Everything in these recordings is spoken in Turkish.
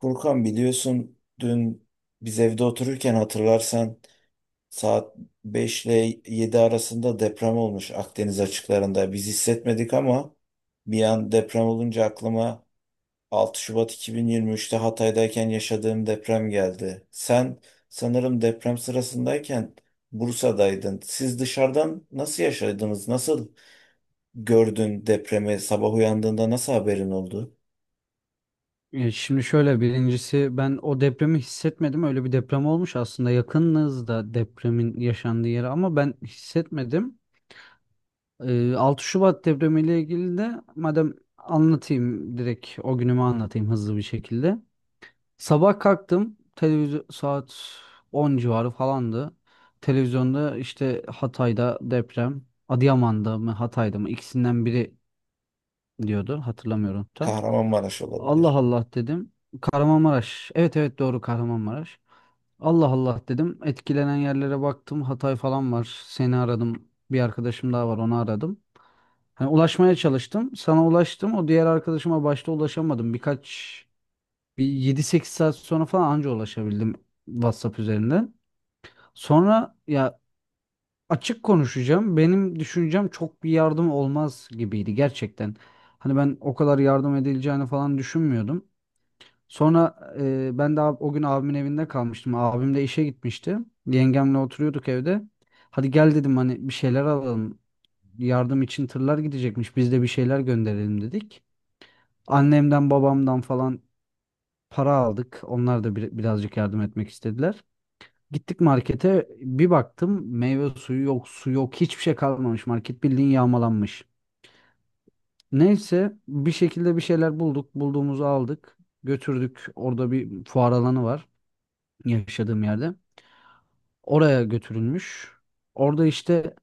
Furkan, biliyorsun dün biz evde otururken hatırlarsan saat 5 ile 7 arasında deprem olmuş Akdeniz açıklarında. Biz hissetmedik ama bir an deprem olunca aklıma 6 Şubat 2023'te Hatay'dayken yaşadığım deprem geldi. Sen sanırım deprem sırasındayken Bursa'daydın. Siz dışarıdan nasıl yaşadınız? Nasıl gördün depremi? Sabah uyandığında nasıl haberin oldu? Şimdi şöyle birincisi ben o depremi hissetmedim. Öyle bir deprem olmuş aslında yakınız da depremin yaşandığı yere ama ben hissetmedim. 6 Şubat depremiyle ilgili de madem anlatayım direkt o günümü anlatayım hızlı bir şekilde. Sabah kalktım televizyon saat 10 civarı falandı. Televizyonda işte Hatay'da deprem, Adıyaman'da mı Hatay'da mı ikisinden biri diyordu hatırlamıyorum tam. Kahramanmaraş Allah olabilir. Allah dedim. Kahramanmaraş. Evet evet doğru Kahramanmaraş. Allah Allah dedim. Etkilenen yerlere baktım. Hatay falan var. Seni aradım. Bir arkadaşım daha var onu aradım. Hani ulaşmaya çalıştım. Sana ulaştım. O diğer arkadaşıma başta ulaşamadım. Birkaç bir yedi sekiz saat sonra falan anca ulaşabildim WhatsApp üzerinden. Sonra ya açık konuşacağım. Benim düşüncem çok bir yardım olmaz gibiydi gerçekten. Hani ben o kadar yardım edileceğini falan düşünmüyordum. Sonra ben de o gün abimin evinde kalmıştım. Abim de işe gitmişti. Yengemle oturuyorduk evde. Hadi gel dedim hani bir şeyler alalım. Yardım için tırlar gidecekmiş. Biz de bir şeyler gönderelim dedik. Annemden babamdan falan para aldık. Onlar da birazcık yardım etmek istediler. Gittik markete bir baktım meyve suyu yok, su yok, hiçbir şey kalmamış. Market bildiğin yağmalanmış. Neyse bir şekilde bir şeyler bulduk. Bulduğumuzu aldık. Götürdük. Orada bir fuar alanı var. Yaşadığım yerde. Oraya götürülmüş. Orada işte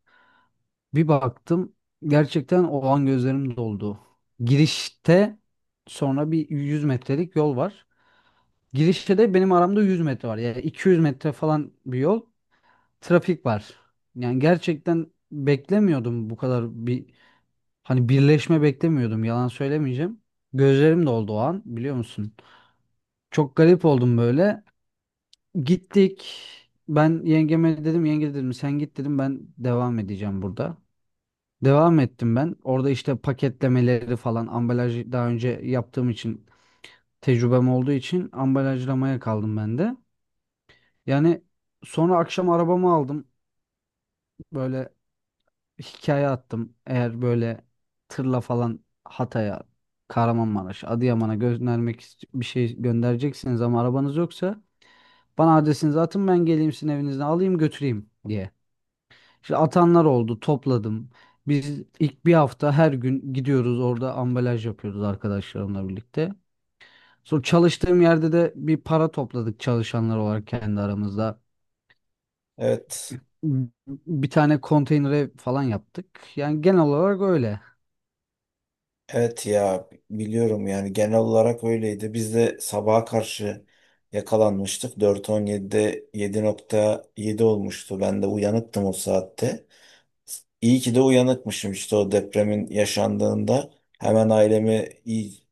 bir baktım gerçekten o an gözlerim doldu. Girişte sonra bir 100 metrelik yol var. Girişte de benim aramda 100 metre var. Yani 200 metre falan bir yol. Trafik var. Yani gerçekten beklemiyordum bu kadar bir hani birleşme beklemiyordum yalan söylemeyeceğim. Gözlerim doldu o an biliyor musun? Çok garip oldum böyle. Gittik. Ben yengeme dedim yenge dedim sen git dedim ben devam edeceğim burada. Devam ettim ben. Orada işte paketlemeleri falan ambalajı daha önce yaptığım için tecrübem olduğu için ambalajlamaya kaldım ben de. Yani sonra akşam arabamı aldım. Böyle hikaye attım. Eğer böyle tırla falan Hatay'a, Kahramanmaraş, Adıyaman'a göndermek ist- bir şey göndereceksiniz ama arabanız yoksa bana adresinizi atın ben geleyim sizin evinizden alayım götüreyim diye. İşte atanlar oldu, topladım. Biz ilk bir hafta her gün gidiyoruz orada ambalaj yapıyoruz arkadaşlarımla birlikte. Sonra çalıştığım yerde de bir para topladık çalışanlar olarak kendi aramızda. Evet. Bir tane konteynere falan yaptık. Yani genel olarak öyle. Evet ya, biliyorum yani genel olarak öyleydi. Biz de sabaha karşı yakalanmıştık. 4.17'de 7.7 olmuştu. Ben de uyanıktım o saatte. İyi ki de uyanıkmışım işte o depremin yaşandığında. Hemen ailemi iyi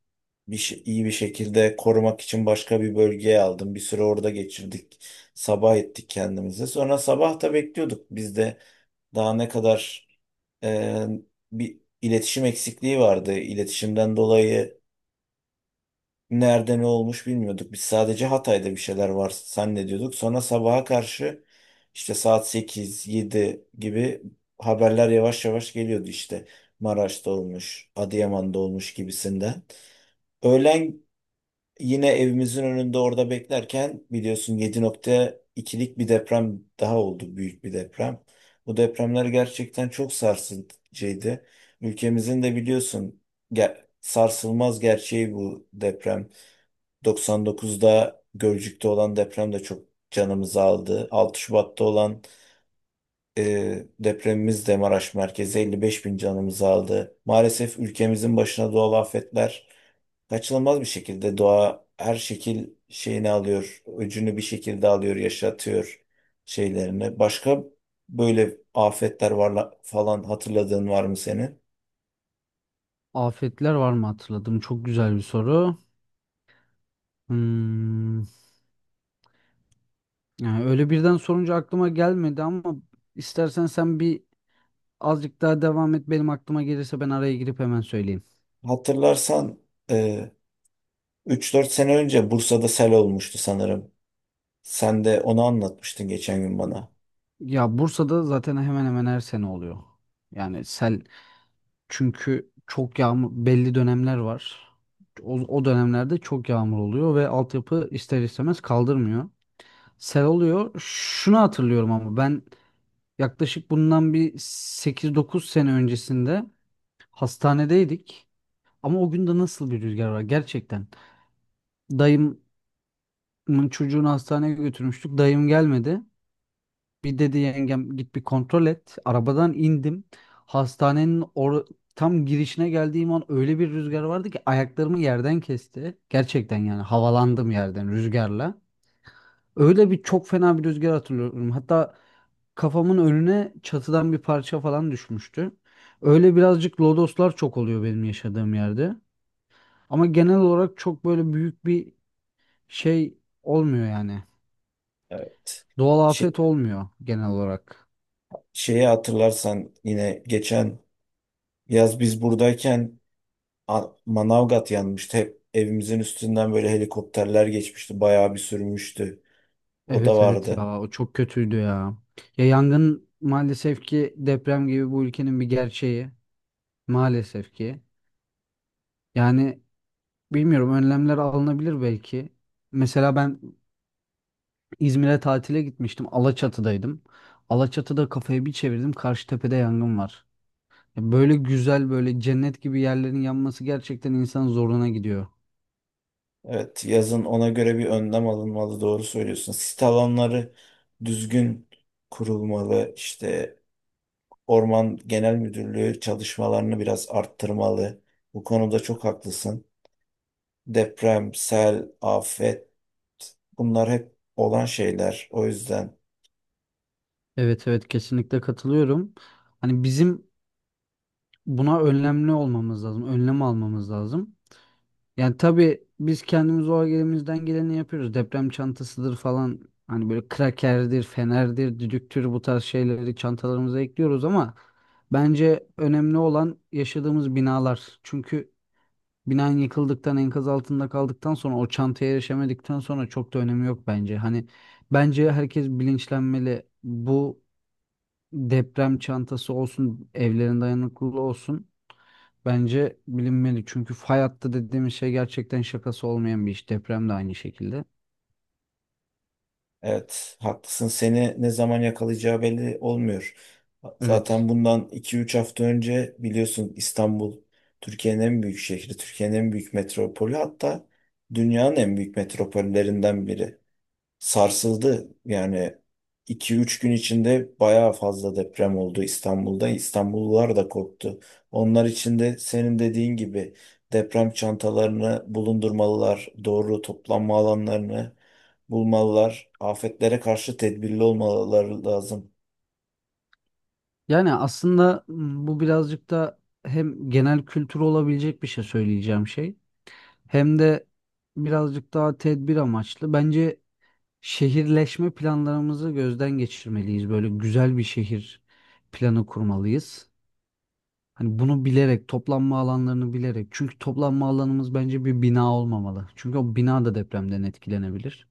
bir, şey- iyi bir şekilde korumak için başka bir bölgeye aldım. Bir süre orada geçirdik. Sabah ettik kendimizi. Sonra sabah da bekliyorduk. Biz de daha ne kadar e, bir iletişim eksikliği vardı. İletişimden dolayı nerede ne olmuş bilmiyorduk. Biz sadece Hatay'da bir şeyler var zannediyorduk. Sonra sabaha karşı işte saat 8 7 gibi haberler yavaş yavaş geliyordu işte. Maraş'ta olmuş, Adıyaman'da olmuş gibisinden. Öğlen yine evimizin önünde orada beklerken biliyorsun 7.2'lik bir deprem daha oldu, büyük bir deprem. Bu depremler gerçekten çok sarsıcıydı. Ülkemizin de biliyorsun sarsılmaz gerçeği bu deprem. 99'da Gölcük'te olan deprem de çok canımızı aldı. 6 Şubat'ta olan depremimiz de Maraş merkezi 55 bin canımızı aldı. Maalesef ülkemizin başına doğal afetler kaçınılmaz bir şekilde doğa her şekil şeyini alıyor, öcünü bir şekilde alıyor, yaşatıyor şeylerini. Başka böyle afetler var falan, hatırladığın var mı senin? Afetler var mı hatırladım. Çok güzel bir soru. Hmm, yani öyle birden sorunca aklıma gelmedi ama istersen sen bir azıcık daha devam et. Benim aklıma gelirse ben araya girip hemen söyleyeyim. Hatırlarsan e, 3-4 sene önce Bursa'da sel olmuştu sanırım. Sen de onu anlatmıştın geçen gün bana. Ya Bursa'da zaten hemen hemen her sene oluyor. Yani sel çünkü çok yağmur belli dönemler var. O dönemlerde çok yağmur oluyor ve altyapı ister istemez kaldırmıyor. Sel oluyor. Şunu hatırlıyorum ama ben yaklaşık bundan bir sekiz dokuz sene öncesinde hastanedeydik. Ama o gün de nasıl bir rüzgar var gerçekten. Dayımın çocuğunu hastaneye götürmüştük. Dayım gelmedi. Bir dedi yengem git bir kontrol et. Arabadan indim. Hastanenin tam girişine geldiğim an öyle bir rüzgar vardı ki ayaklarımı yerden kesti. Gerçekten yani havalandım yerden rüzgarla. Öyle bir çok fena bir rüzgar hatırlıyorum. Hatta kafamın önüne çatıdan bir parça falan düşmüştü. Öyle birazcık lodoslar çok oluyor benim yaşadığım yerde. Ama genel olarak çok böyle büyük bir şey olmuyor yani. Evet. Doğal Şey- afet olmuyor genel olarak. Şeyi hatırlarsan yine geçen yaz biz buradayken Manavgat yanmıştı. Hep evimizin üstünden böyle helikopterler geçmişti. Bayağı bir sürmüştü. O da Evet evet vardı. ya o çok kötüydü ya. Ya yangın maalesef ki deprem gibi bu ülkenin bir gerçeği. Maalesef ki. Yani bilmiyorum önlemler alınabilir belki. Mesela ben İzmir'e tatile gitmiştim. Alaçatı'daydım. Alaçatı'da kafayı bir çevirdim. Karşıtepe'de yangın var. Ya böyle güzel böyle cennet gibi yerlerin yanması gerçekten insanın zoruna gidiyor. Evet, yazın ona göre bir önlem alınmalı. Doğru söylüyorsun. Sit alanları düzgün kurulmalı. İşte Orman Genel Müdürlüğü çalışmalarını biraz arttırmalı. Bu konuda çok haklısın. Deprem, sel, afet. Bunlar hep olan şeyler. O yüzden Evet evet kesinlikle katılıyorum. Hani bizim buna önlemli olmamız lazım. Önlem almamız lazım. Yani tabii biz kendimiz o elimizden geleni yapıyoruz. Deprem çantasıdır falan. Hani böyle krakerdir, fenerdir, düdüktür bu tarz şeyleri çantalarımıza ekliyoruz ama bence önemli olan yaşadığımız binalar. Çünkü binan yıkıldıktan, enkaz altında kaldıktan sonra o çantaya erişemedikten sonra çok da önemi yok bence. Hani bence herkes bilinçlenmeli. Bu deprem çantası olsun, evlerin dayanıklılığı olsun. Bence bilinmeli çünkü fay hattı dediğimiz şey gerçekten şakası olmayan bir iş. Deprem de aynı şekilde. evet, haklısın. Seni ne zaman yakalayacağı belli olmuyor. Evet. Zaten bundan iki üç hafta önce biliyorsun İstanbul, Türkiye'nin en büyük şehri, Türkiye'nin en büyük metropolü, hatta dünyanın en büyük metropollerinden biri sarsıldı. Yani iki üç gün içinde bayağı fazla deprem oldu İstanbul'da. İstanbullular da korktu. Onlar için de senin dediğin gibi deprem çantalarını bulundurmalılar, doğru toplanma alanlarını bulmalılar, afetlere karşı tedbirli olmaları lazım. Yani aslında bu birazcık da hem genel kültür olabilecek bir şey söyleyeceğim şey hem de birazcık daha tedbir amaçlı. Bence şehirleşme planlarımızı gözden geçirmeliyiz. Böyle güzel bir şehir planı kurmalıyız. Hani bunu bilerek, toplanma alanlarını bilerek. Çünkü toplanma alanımız bence bir bina olmamalı. Çünkü o bina da depremden etkilenebilir.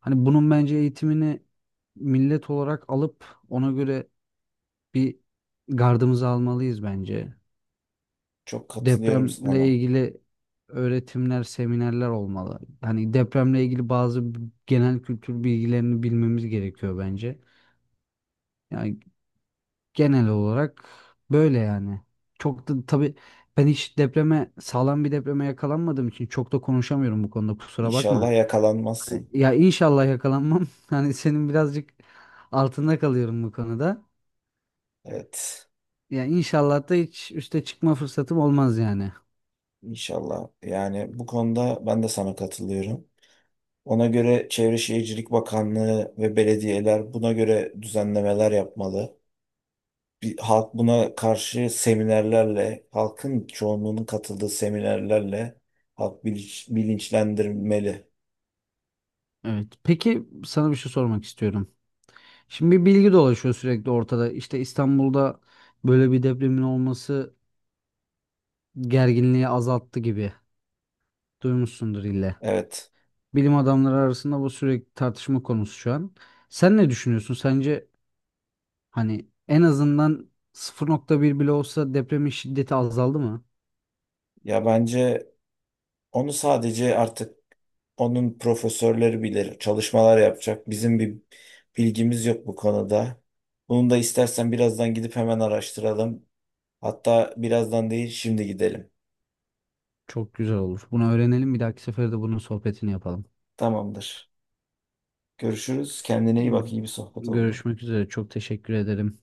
Hani bunun bence eğitimini millet olarak alıp ona göre bir gardımızı almalıyız bence. Çok katılıyorum Depremle sana. ilgili öğretimler, seminerler olmalı. Hani depremle ilgili bazı genel kültür bilgilerini bilmemiz gerekiyor bence. Yani genel olarak böyle yani. Çok da tabii ben hiç depreme, sağlam bir depreme yakalanmadığım için çok da konuşamıyorum bu konuda kusura İnşallah bakma. Yakalanmazsın. Ya inşallah yakalanmam. Hani senin birazcık altında kalıyorum bu konuda. Evet, Ya inşallah da hiç üste çıkma fırsatım olmaz yani. inşallah. Yani bu konuda ben de sana katılıyorum. Ona göre Çevre Şehircilik Bakanlığı ve belediyeler buna göre düzenlemeler yapmalı. Bir, halk buna karşı seminerlerle, halkın çoğunluğunun katıldığı seminerlerle halk bilinçlendirmeli. Evet. Peki sana bir şey sormak istiyorum. Şimdi bir bilgi dolaşıyor sürekli ortada. İşte İstanbul'da böyle bir depremin olması gerginliği azalttı gibi. Duymuşsundur ille. Evet. Bilim adamları arasında bu sürekli tartışma konusu şu an. Sen ne düşünüyorsun? Sence hani en azından 0,1 bile olsa depremin şiddeti azaldı mı? Ya bence onu sadece artık onun profesörleri bilir, çalışmalar yapacak. Bizim bir bilgimiz yok bu konuda. Bunu da istersen birazdan gidip hemen araştıralım. Hatta birazdan değil, şimdi gidelim. Çok güzel olur. Bunu öğrenelim. Bir dahaki sefere de bunun sohbetini yapalım. Tamamdır. Görüşürüz. Kendine iyi bak. İyi bir sohbet oldu. Görüşmek üzere. Çok teşekkür ederim.